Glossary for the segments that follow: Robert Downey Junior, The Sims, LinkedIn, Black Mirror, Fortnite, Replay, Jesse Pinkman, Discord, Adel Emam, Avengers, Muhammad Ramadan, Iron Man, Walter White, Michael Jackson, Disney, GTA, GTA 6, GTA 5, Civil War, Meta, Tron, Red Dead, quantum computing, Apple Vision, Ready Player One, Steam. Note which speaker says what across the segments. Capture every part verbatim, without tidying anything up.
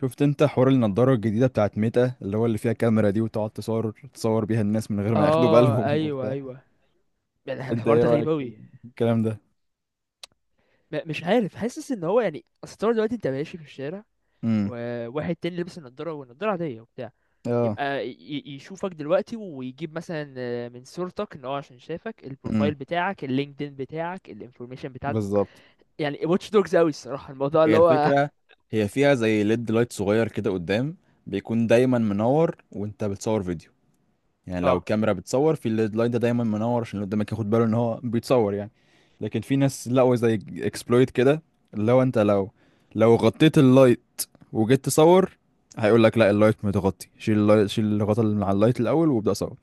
Speaker 1: شفت انت حوار النضارة الجديدة بتاعت ميتا اللي هو اللي فيها كاميرا دي وتقعد تصور تصور بيها الناس من غير ما ياخدوا
Speaker 2: اه،
Speaker 1: بالهم
Speaker 2: ايوه،
Speaker 1: وبتاع.
Speaker 2: ايوه. يعني
Speaker 1: انت
Speaker 2: الحوار
Speaker 1: ايه
Speaker 2: ده غريب
Speaker 1: رأيك في
Speaker 2: اوي.
Speaker 1: الكلام ده؟
Speaker 2: م- مش عارف، حاسس ان هو، يعني، اصل طول دلوقتي انت ماشي في الشارع
Speaker 1: امم.
Speaker 2: وواحد تاني لابس النضاره، والنضاره عاديه وبتاع،
Speaker 1: اه.
Speaker 2: يبقى ي- ي- يشوفك دلوقتي ويجيب مثلا، آه، من صورتك، ان هو عشان شافك،
Speaker 1: امم.
Speaker 2: البروفايل بتاعك، اللينكدين بتاعك، الانفورميشن بتاعتك.
Speaker 1: بالظبط.
Speaker 2: يعني واتش دوجز اوي الصراحه الموضوع
Speaker 1: هي
Speaker 2: اللي هو.
Speaker 1: الفكرة. هي فيها زي ليد لايت صغير كده قدام، بيكون دايما منور وانت بتصور فيديو. يعني لو
Speaker 2: اه.
Speaker 1: الكاميرا بتصور في اللاين ده دايما منور عشان اللي قدامك ياخد باله ان هو بيتصور يعني. لكن في ناس لقوا زي اكسبلويت كده، اللي هو انت لو لو غطيت اللايت وجيت تصور هيقول لك لا، اللايت متغطي، شيل اللايت، شيل الغطا اللي على اللايت الاول وابدا صور.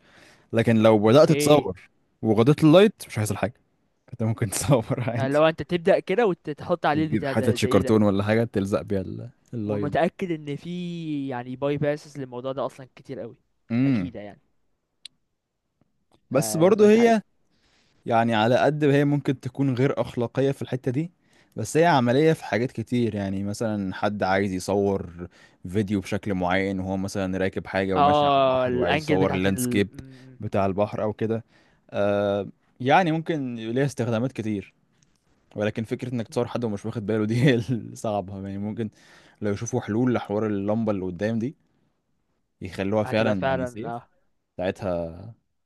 Speaker 1: لكن لو بدات
Speaker 2: اوكي.
Speaker 1: تصور وغطيت اللايت مش هيحصل حاجه. انت ممكن تصور
Speaker 2: يعني
Speaker 1: عادي،
Speaker 2: لو انت تبدا كده وتحط عليه
Speaker 1: وتجيب
Speaker 2: البتاع
Speaker 1: حتة
Speaker 2: ده،
Speaker 1: شي
Speaker 2: ده ايه ده؟
Speaker 1: كرتون ولا حاجه تلزق بيها ال- اللايت ده.
Speaker 2: ومتاكد ان في، يعني، باي باسز للموضوع ده اصلا كتير اوي.
Speaker 1: امم.
Speaker 2: اكيد يعني. ف...
Speaker 1: بس برضه هي، يعني على قد ما هي ممكن تكون غير أخلاقية في الحتة دي، بس هي عملية في حاجات كتير. يعني مثلا حد عايز يصور فيديو بشكل معين وهو مثلا راكب حاجة وماشي على
Speaker 2: اه
Speaker 1: البحر وعايز
Speaker 2: الانجل
Speaker 1: يصور
Speaker 2: بتاعت ال...
Speaker 1: اللاندسكيب
Speaker 2: م-
Speaker 1: بتاع البحر أو كده. آه. يعني ممكن ليها استخدامات كتير، ولكن فكرة إنك
Speaker 2: م.
Speaker 1: تصور حد ومش واخد باله دي هي الصعبة. يعني ممكن لو يشوفوا حلول لحوار اللمبة اللي قدام دي يخلوها
Speaker 2: هتبقى
Speaker 1: فعلا يعني
Speaker 2: فعلا،
Speaker 1: سيف.
Speaker 2: اه،
Speaker 1: ساعتها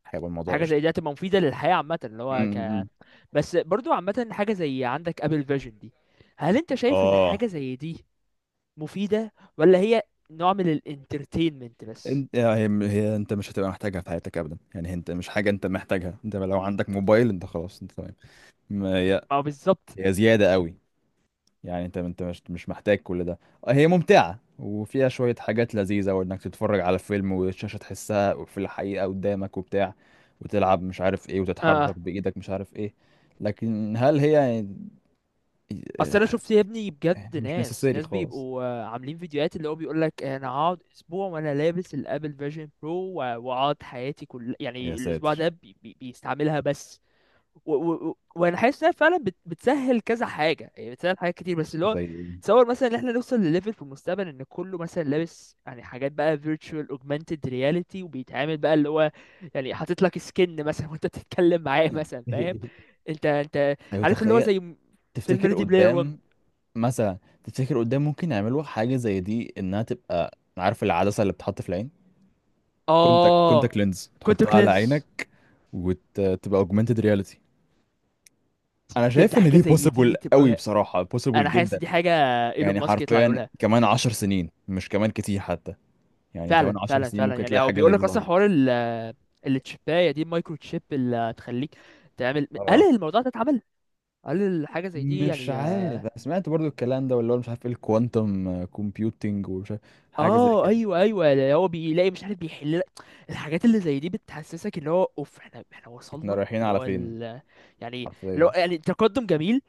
Speaker 1: هيبقى الموضوع
Speaker 2: حاجه
Speaker 1: قشطة.
Speaker 2: زي دي هتبقى مفيده للحياه عامه اللي
Speaker 1: م-
Speaker 2: هو ك.
Speaker 1: م.
Speaker 2: بس برضو عامه، حاجه زي عندك ابل فيجن دي، هل انت شايف ان
Speaker 1: اه.
Speaker 2: حاجه زي دي مفيده ولا هي نوع من الانترتينمنت بس؟
Speaker 1: انت هي هي انت مش هتبقى محتاجها في حياتك ابدا. يعني انت مش حاجه انت محتاجها. انت لو عندك موبايل انت خلاص انت تمام. ما هي،
Speaker 2: ما هو بالظبط.
Speaker 1: هي زياده قوي. يعني انت انت مش مش محتاج كل ده. هي ممتعه وفيها شويه حاجات لذيذه، وانك تتفرج على فيلم والشاشه تحسها في الحقيقه قدامك وبتاع، وتلعب مش عارف ايه وتتحرك
Speaker 2: اه،
Speaker 1: بايدك مش عارف ايه. لكن هل هي يعني؟
Speaker 2: اصل انا شفت يا ابني
Speaker 1: يعني
Speaker 2: بجد
Speaker 1: مش
Speaker 2: ناس
Speaker 1: نسيسري
Speaker 2: ناس
Speaker 1: خالص.
Speaker 2: بيبقوا، آه، عاملين فيديوهات اللي هو بيقول لك انا هقعد اسبوع وانا لابس الابل فيجن برو، واقعد حياتي كل،
Speaker 1: يا
Speaker 2: يعني، الاسبوع
Speaker 1: ساتر.
Speaker 2: ده بي... بي... بيستعملها بس. و... و... و- وانا حاسس انها فعلا بت... بتسهل كذا حاجه، يعني بتسهل حاجات كتير، بس اللي هو
Speaker 1: زي.
Speaker 2: تصور مثلا ان احنا نوصل لليفل في المستقبل ان كله مثلا لابس، يعني، حاجات بقى virtual augmented reality وبيتعامل بقى اللي هو، يعني، حاطط لك سكن مثلا وانت بتتكلم معاه مثلا، فاهم؟ انت، انت
Speaker 1: ايوه،
Speaker 2: عارف اللي هو
Speaker 1: تخيل.
Speaker 2: زي م- فيلم
Speaker 1: تفتكر
Speaker 2: ريدي بلاير وان.
Speaker 1: قدام مثلا. تفتكر قدام ممكن يعملوا حاجة زي دي، انها تبقى، عارف العدسة اللي بتحط في العين، كونتاكت
Speaker 2: اه.
Speaker 1: كونتاكت لينز،
Speaker 2: كونتر
Speaker 1: تحطها على
Speaker 2: كلينس.
Speaker 1: عينك وتبقى اوجمانتد رياليتي. انا
Speaker 2: يا
Speaker 1: شايف
Speaker 2: ده
Speaker 1: ان
Speaker 2: حاجه
Speaker 1: دي
Speaker 2: زي
Speaker 1: بوسيبل
Speaker 2: دي
Speaker 1: قوي،
Speaker 2: تبقى،
Speaker 1: بصراحة بوسيبل
Speaker 2: انا حاسس
Speaker 1: جدا.
Speaker 2: دي حاجه ايلون
Speaker 1: يعني
Speaker 2: ماسك يطلع
Speaker 1: حرفيا
Speaker 2: يقولها.
Speaker 1: كمان عشر سنين، مش كمان كتير حتى. يعني كمان
Speaker 2: فعلا
Speaker 1: عشر
Speaker 2: فعلا
Speaker 1: سنين
Speaker 2: فعلا.
Speaker 1: ممكن
Speaker 2: يعني
Speaker 1: تلاقي
Speaker 2: هو
Speaker 1: حاجة زي
Speaker 2: بيقول
Speaker 1: دي
Speaker 2: لك اصلا
Speaker 1: ظهرت.
Speaker 2: حوار التشيبايه دي، المايكرو تشيب اللي تخليك تعمل، هل
Speaker 1: اه.
Speaker 2: الموضوع ده اتعمل؟ هل الحاجه زي دي،
Speaker 1: مش
Speaker 2: يعني؟
Speaker 1: عارف، أنا سمعت برضو الكلام ده واللي هو مش عارف ايه، الكوانتم كومبيوتنج ومش عارف حاجة زي
Speaker 2: اه
Speaker 1: كده.
Speaker 2: ايوه ايوه، اللي هو بيلاقي مش عارف بيحل لك الحاجات اللي زي دي، بتحسسك اللي هو اوف، احنا احنا
Speaker 1: احنا
Speaker 2: وصلنا
Speaker 1: رايحين
Speaker 2: اللي
Speaker 1: على
Speaker 2: هو
Speaker 1: فين
Speaker 2: ال... يعني. اللي
Speaker 1: حرفيا؟
Speaker 2: هو، يعني، تقدم جميل،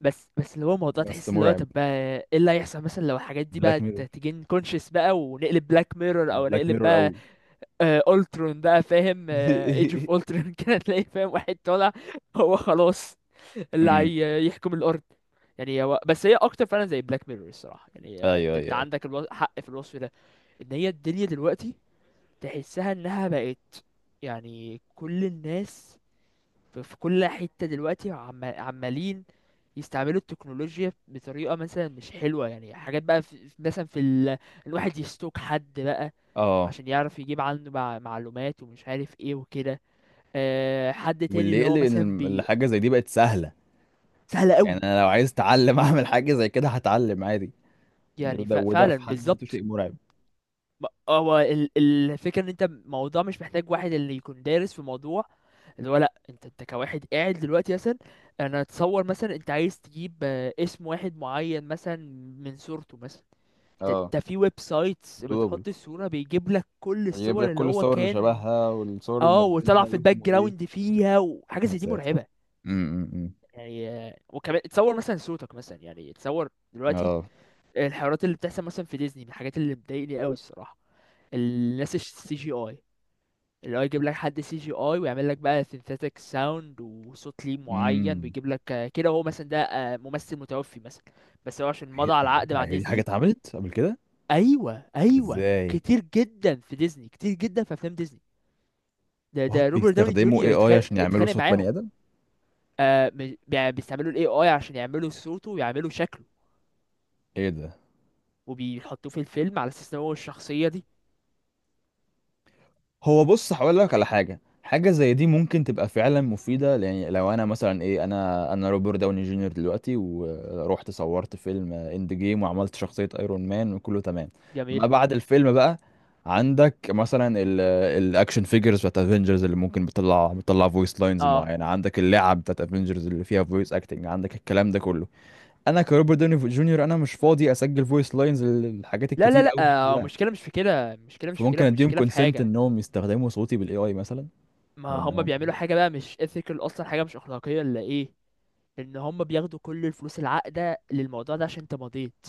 Speaker 2: بس بس اللي هو موضوع
Speaker 1: بس
Speaker 2: تحس اللي هو
Speaker 1: مرعب.
Speaker 2: طب بقى ايه اللي هيحصل مثلا لو الحاجات دي
Speaker 1: بلاك
Speaker 2: بقى ت-
Speaker 1: ميرور،
Speaker 2: تجين كونشس بقى، ونقلب بلاك ميرور، او
Speaker 1: بلاك
Speaker 2: نقلب
Speaker 1: ميرور
Speaker 2: بقى
Speaker 1: قوي.
Speaker 2: آه... الترون بقى، فاهم؟ ايج اوف الترون كده تلاقي، فاهم، واحد طالع، هو خلاص اللي
Speaker 1: امم.
Speaker 2: هي- يحكم الارض. يعني هو بس هي اكتر فعلا زي بلاك ميرور الصراحه يعني. آه،
Speaker 1: ايوه ايوه
Speaker 2: انت، انت
Speaker 1: ايوه.
Speaker 2: عندك الو... حق في الوصف ده. ان هي الدنيا دلوقتي تحسها انها بقت، يعني، كل الناس في في كل حته دلوقتي عم... عمالين يستعملوا التكنولوجيا بطريقه مثلا مش حلوه، يعني حاجات بقى في... في- مثلا في ال... الواحد يستوك حد بقى
Speaker 1: اه.
Speaker 2: عشان يعرف يجيب عنه مع... معلومات ومش عارف ايه وكده. أه... حد تاني
Speaker 1: واللي
Speaker 2: اللي هو
Speaker 1: يقلق ان
Speaker 2: مثلا
Speaker 1: الم-
Speaker 2: بي.
Speaker 1: الحاجه زي دي بقت سهله.
Speaker 2: سهله
Speaker 1: يعني
Speaker 2: قوي.
Speaker 1: انا لو عايز اتعلم اعمل حاجه زي كده هتعلم عادي.
Speaker 2: يعني ف...
Speaker 1: وده وده
Speaker 2: فعلا
Speaker 1: في حد ذاته
Speaker 2: بالظبط.
Speaker 1: شيء مرعب.
Speaker 2: ما- هو ال- الفكرة ان انت الموضوع مش محتاج واحد اللي يكون دارس في الموضوع اللي هو، لا، انت انت كواحد قاعد دلوقتي مثلا. انا اتصور مثلا انت عايز تجيب، آه، اسم واحد معين مثلا، من صورته مثلا. انت
Speaker 1: اه.
Speaker 2: انت في ويب سايتس
Speaker 1: دوبل.
Speaker 2: بتحط الصورة، بيجيب لك كل
Speaker 1: يجيب
Speaker 2: الصور
Speaker 1: لك
Speaker 2: اللي
Speaker 1: كل
Speaker 2: هو
Speaker 1: الصور اللي
Speaker 2: كان،
Speaker 1: شبهها والصور اللي
Speaker 2: اه، وطلع
Speaker 1: منزلها
Speaker 2: في الباك
Speaker 1: واسمه ايه.
Speaker 2: جراوند فيها، وحاجة
Speaker 1: يا
Speaker 2: زي دي
Speaker 1: ساتر.
Speaker 2: مرعبة.
Speaker 1: امم، امم.
Speaker 2: يعني آه، وكمان تصور مثلا صوتك مثلا، يعني تصور دلوقتي
Speaker 1: اه.
Speaker 2: الحوارات اللي بتحصل مثلا في ديزني، من الحاجات اللي بتضايقني قوي الصراحة الناس السي جي اي. اللي هو يجيب لك حد سي جي اي، ويعمل لك بقى سينثيتك ساوند وصوت ليه معين،
Speaker 1: امم.
Speaker 2: ويجيب لك آه، كده، هو مثلا ده آه، ممثل متوفي مثلا، بس هو عشان
Speaker 1: إيه؟
Speaker 2: مضى على العقد
Speaker 1: ده؟
Speaker 2: مع
Speaker 1: هي دي حاجه
Speaker 2: ديزني.
Speaker 1: اتعملت قبل كده؟
Speaker 2: ايوه ايوه،
Speaker 1: ازاي؟
Speaker 2: كتير جدا في ديزني، كتير جدا في افلام ديزني. ده
Speaker 1: وات،
Speaker 2: ده روبرت داوني
Speaker 1: بيستخدموا اي
Speaker 2: جونيور
Speaker 1: اي
Speaker 2: اتخانق
Speaker 1: عشان يعملوا
Speaker 2: اتخانق
Speaker 1: صوت بني
Speaker 2: معاهم.
Speaker 1: ادم؟
Speaker 2: آه م- بي- بيستعملوا الاي اي عشان يعملوا صوته ويعملوا شكله،
Speaker 1: ايه ده؟
Speaker 2: وبيحطوه في الفيلم على اساس ان هو الشخصيه دي.
Speaker 1: هو بص، هقول لك على حاجه. حاجه زي دي ممكن تبقى فعلا مفيده. يعني لو انا مثلا ايه، انا انا روبرت داوني جونيور دلوقتي، ورحت صورت فيلم اند جيم وعملت شخصيه ايرون مان وكله تمام. ما
Speaker 2: جميل.
Speaker 1: بعد الفيلم بقى، عندك مثلا ال- الاكشن فيجرز بتاعت افنجرز اللي ممكن بتطلع بتطلع فويس لاينز
Speaker 2: اه،
Speaker 1: معينه، عندك اللعب بتاعت افنجرز اللي فيها فويس اكتنج، عندك الكلام ده كله. انا كروبرت داوني جونيور انا مش فاضي اسجل فويس لاينز للحاجات
Speaker 2: لا لا
Speaker 1: الكتير
Speaker 2: لا.
Speaker 1: قوي دي
Speaker 2: آه
Speaker 1: كلها.
Speaker 2: المشكله مش في كده، المشكله مش في كده،
Speaker 1: فممكن اديهم
Speaker 2: المشكله في
Speaker 1: كونسنت
Speaker 2: حاجه.
Speaker 1: انهم يستخدموا صوتي بالاي اي مثلا.
Speaker 2: ما هم
Speaker 1: وانهم.
Speaker 2: بيعملوا حاجة بقى مش ethical أصلا، حاجة مش أخلاقية ولا إيه. إن هم بياخدوا كل الفلوس العاقدة للموضوع ده عشان أنت مضيت،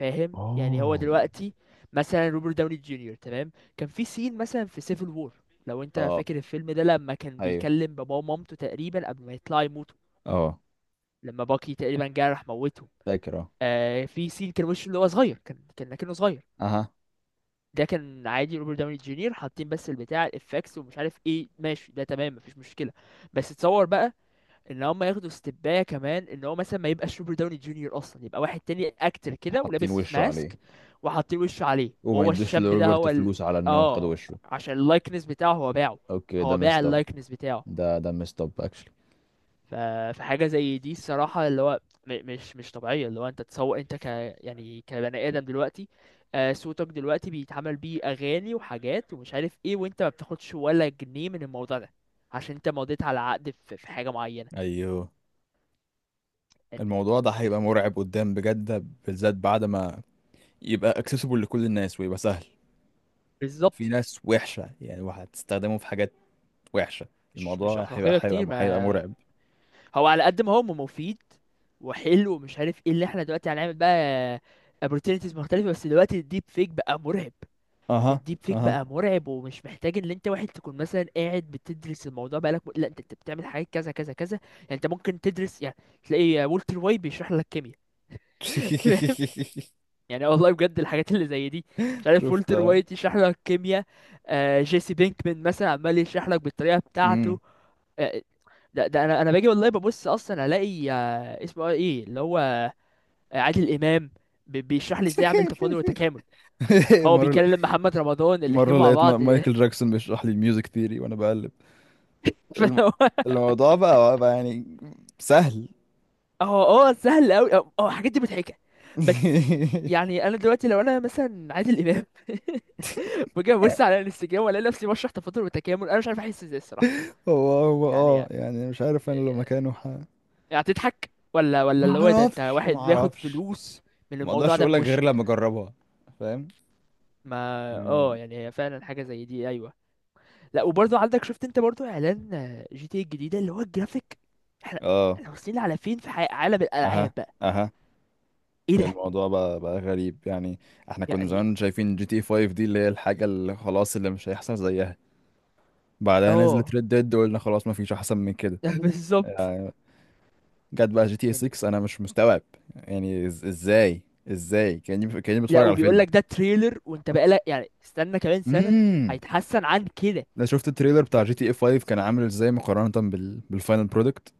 Speaker 2: فاهم؟ يعني هو
Speaker 1: اه.
Speaker 2: دلوقتي مثلا روبرت داوني جونيور تمام، كان في سين مثلا في سيفل وور، لو أنت
Speaker 1: اه
Speaker 2: فاكر الفيلم ده، لما كان
Speaker 1: ايوه
Speaker 2: بيكلم باباه ومامته تقريبا قبل ما يطلعوا يموتوا.
Speaker 1: اه.
Speaker 2: لما باكي تقريبا جه راح موته.
Speaker 1: فاكر اه.
Speaker 2: آه، في سين كان وشه اللي هو صغير، كان كان لكنه صغير.
Speaker 1: اها.
Speaker 2: ده كان عادي روبرت داوني جونيور، حاطين بس البتاع الافكس ومش عارف ايه ماشي، ده تمام، مفيش مشكلة. بس تصور بقى ان هم ياخدوا استباية كمان، ان هو مثلا ما يبقاش روبرت داوني جونيور اصلا، يبقى واحد تاني اكتر كده،
Speaker 1: حاطين
Speaker 2: ولابس
Speaker 1: وشه عليه.
Speaker 2: ماسك وحاطين وشه عليه،
Speaker 1: وما
Speaker 2: وهو
Speaker 1: يدوش
Speaker 2: الشاب ده
Speaker 1: لروبرت
Speaker 2: هو ال...
Speaker 1: فلوس على انهم خدوا
Speaker 2: اه.
Speaker 1: وشه.
Speaker 2: عشان اللايكنس بتاعه هو باعه،
Speaker 1: اوكي، ده
Speaker 2: هو باع
Speaker 1: مستب.
Speaker 2: اللايكنس بتاعه.
Speaker 1: ده ده مستب اكشلي.
Speaker 2: ف... فحاجة زي دي الصراحة اللي هو، م... مش مش طبيعية. اللي هو انت تسوق انت ك، يعني كبني ادم دلوقتي، آه صوتك دلوقتي بيتعمل بيه اغاني وحاجات ومش عارف ايه، وانت ما بتاخدش ولا جنيه من الموضوع ده عشان انت مضيت على عقد في في حاجة معينة،
Speaker 1: ايوه.
Speaker 2: يعني.
Speaker 1: الموضوع ده هيبقى مرعب قدام، بجد ده. بالذات بعد ما يبقى اكسسبل لكل الناس ويبقى سهل. في
Speaker 2: بالظبط.
Speaker 1: ناس وحشة يعني، وهتستخدمه في حاجات وحشة.
Speaker 2: مش مش
Speaker 1: الموضوع هيبقى
Speaker 2: اخلاقيه
Speaker 1: هيبقى
Speaker 2: كتير.
Speaker 1: هيبقى
Speaker 2: ما
Speaker 1: مرعب.
Speaker 2: هو على قد ما هو مفيد وحلو ومش عارف ايه، اللي احنا دلوقتي هنعمل بقى opportunities مختلفه، بس دلوقتي الديب فيك بقى مرعب.
Speaker 1: اها،
Speaker 2: الديب فيك
Speaker 1: اها.
Speaker 2: بقى مرعب، ومش محتاج ان انت واحد تكون مثلا قاعد بتدرس الموضوع بقالك م... لا، انت انت بتعمل حاجات كذا كذا كذا، يعني انت ممكن تدرس، يعني تلاقي والتر وايت بيشرح لك كيمياء فاهم؟ يعني والله بجد الحاجات اللي زي دي، مش عارف،
Speaker 1: شفت.
Speaker 2: والتر وايت يشرح لك كيمياء. آه جيسي بينكمان مثلا عمال يشرح لك بالطريقه
Speaker 1: امم.
Speaker 2: بتاعته. آه، ده, ده انا انا باجي والله ببص اصلا الاقي آه، اسمه ايه اللي هو عادل امام بي- بيشرح لي ازاي اعمل تفاضل وتكامل. هو
Speaker 1: مرة،
Speaker 2: بيكلم محمد رمضان الاتنين
Speaker 1: مرة
Speaker 2: مع
Speaker 1: لقيت ما-
Speaker 2: بعض
Speaker 1: مايكل جاكسون بيشرح لي الميوزك ثيري وانا بقلب، الم...
Speaker 2: فهو
Speaker 1: الموضوع بقى بقى يعني سهل.
Speaker 2: هو هو سهل قوي، هو هو الحاجات دي مضحكه بس. يعني انا دلوقتي لو انا مثلا عادل امام باجي ابص على الانستجرام والاقي نفسي بشرح تفاضل وتكامل، انا مش عارف احس ازاي الصراحه.
Speaker 1: هو هو
Speaker 2: يعني
Speaker 1: اه،
Speaker 2: يعني
Speaker 1: يعني مش عارف، انا لو مكانه ح...
Speaker 2: يعني، هتضحك ولا ولا
Speaker 1: ما
Speaker 2: اللي هو ده، انت
Speaker 1: اعرفش،
Speaker 2: واحد
Speaker 1: ما
Speaker 2: بياخد
Speaker 1: اعرفش.
Speaker 2: فلوس من
Speaker 1: ما
Speaker 2: الموضوع
Speaker 1: اقدرش
Speaker 2: ده
Speaker 1: اقول لك غير
Speaker 2: بوشك؟
Speaker 1: لما اجربها. فاهم
Speaker 2: ما
Speaker 1: يعني.
Speaker 2: اه، يعني هي فعلا حاجه زي دي، ايوه. لا، وبرضه عندك، شفت انت برضه اعلان جي تي إيه الجديده اللي هو الجرافيك؟ احنا،
Speaker 1: اه.
Speaker 2: احنا واصلين على فين في حي- عالم الالعاب
Speaker 1: اها،
Speaker 2: بقى؟
Speaker 1: اها.
Speaker 2: ايه ده،
Speaker 1: الموضوع بقى بقى غريب يعني. احنا كنا
Speaker 2: يعني.
Speaker 1: زمان شايفين جي تي فايف دي، اللي هي الحاجة اللي خلاص اللي مش هيحصل زيها. بعدها نزلت
Speaker 2: اه
Speaker 1: ريد ديد وقلنا خلاص ما فيش احسن من كده.
Speaker 2: بالظبط
Speaker 1: آه، جت بقى جي تي
Speaker 2: يعني.
Speaker 1: ستة، انا مش مستوعب. يعني إز- ازاي ازاي كاني كاني
Speaker 2: لا
Speaker 1: بتفرج على
Speaker 2: وبيقول
Speaker 1: فيلم.
Speaker 2: لك ده تريلر، وانت بقى لك يعني استنى كمان سنه،
Speaker 1: امم.
Speaker 2: هيتحسن عن كده.
Speaker 1: انا شفت التريلر
Speaker 2: ف...
Speaker 1: بتاع جي تي اي فايف كان عامل ازاي مقارنة بال... بالفاينل برودكت.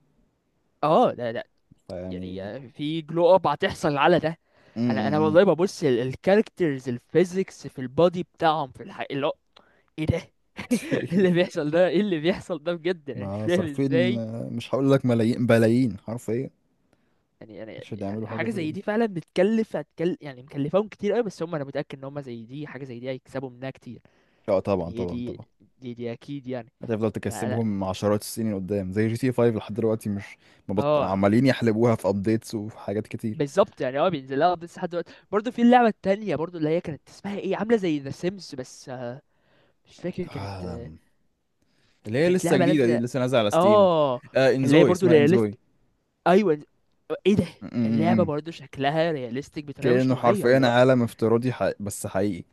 Speaker 2: اه، لا لا.
Speaker 1: فيعني.
Speaker 2: يعني في جلو اب هتحصل على ده. انا انا
Speaker 1: امم.
Speaker 2: والله ببص الكاركترز، الفيزيكس في البادي بتاعهم في الحقيقة اللي هو ايه ده اللي بيحصل ده، ايه اللي بيحصل ده بجد، انا مش
Speaker 1: ما
Speaker 2: فاهم
Speaker 1: صارفين
Speaker 2: ازاي.
Speaker 1: آه، مش هقول لك ملايين بلايين حرفيا
Speaker 2: يعني يعني
Speaker 1: عشان
Speaker 2: يعني
Speaker 1: يعملوا حاجة
Speaker 2: حاجه
Speaker 1: زي
Speaker 2: زي
Speaker 1: دي.
Speaker 2: دي فعلا بتكلف، هتكل، يعني مكلفاهم كتير قوي بس هم، انا متاكد ان هم زي دي حاجه زي دي هيكسبوا منها كتير،
Speaker 1: اه، طبعا
Speaker 2: يعني هي
Speaker 1: طبعا
Speaker 2: دي
Speaker 1: طبعا.
Speaker 2: دي دي اكيد يعني.
Speaker 1: هتفضل
Speaker 2: انا انا
Speaker 1: تكسبهم عشرات السنين قدام، زي جي تي فايف لحد دلوقتي مش مبط...
Speaker 2: اه
Speaker 1: عمالين يحلبوها في ابديتس وحاجات كتير.
Speaker 2: بالظبط. يعني اه بينزل لها، بس لحد دلوقتي برضه، في اللعبه التانية برضه، اللي هي كانت اسمها ايه، عامله زي ذا سيمز بس. آه، مش فاكر كانت.
Speaker 1: آه،
Speaker 2: آه،
Speaker 1: اللي هي
Speaker 2: كانت
Speaker 1: لسه
Speaker 2: لعبه
Speaker 1: جديدة دي،
Speaker 2: نازله.
Speaker 1: لسه نازلة على ستيم.
Speaker 2: اه
Speaker 1: آه،
Speaker 2: اللي هي
Speaker 1: انزوي،
Speaker 2: برضه
Speaker 1: اسمها
Speaker 2: رياليست،
Speaker 1: انزوي.
Speaker 2: ايوه. ايه ده.
Speaker 1: م- م-
Speaker 2: اللعبه
Speaker 1: م.
Speaker 2: برضه شكلها رياليستيك بطريقه مش
Speaker 1: كأنه
Speaker 2: طبيعيه،
Speaker 1: حرفيا
Speaker 2: لا.
Speaker 1: عالم افتراضي حق... بس حقيقي.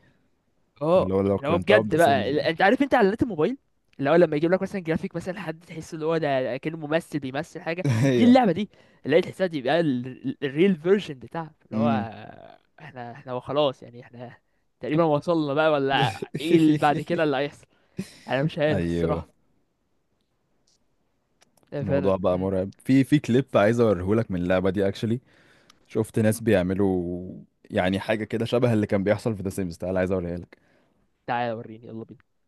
Speaker 1: اللي
Speaker 2: اه،
Speaker 1: هو لو
Speaker 2: اللي هو
Speaker 1: قارنتها بذا
Speaker 2: بجد
Speaker 1: سيمز
Speaker 2: بقى ال-
Speaker 1: يعني.
Speaker 2: انت عارف انت، اعلانات الموبايل اللي هو لما يجيب لك مثلا جرافيك مثلا حد تحس ان هو ده كأنه ممثل بيمثل حاجه، دي
Speaker 1: ايوه.
Speaker 2: اللعبه دي اللي هي تحسها دي بقى الريل فيرجن بتاعها اللي هو.
Speaker 1: م.
Speaker 2: احنا احنا خلاص يعني، احنا تقريبا وصلنا بقى، ولا ايه اللي بعد كده اللي هيحصل؟ انا مش عارف
Speaker 1: ايوه.
Speaker 2: الصراحه. لا،
Speaker 1: الموضوع
Speaker 2: فعلا.
Speaker 1: بقى
Speaker 2: مم.
Speaker 1: مرعب. في في كليب عايز اوريهولك من اللعبة دي اكشلي. شفت ناس بيعملوا يعني حاجة كده شبه اللي كان بيحصل في ذا سيمز. تعالى عايز اوريها لك.
Speaker 2: تعالى وريني يلا بينا.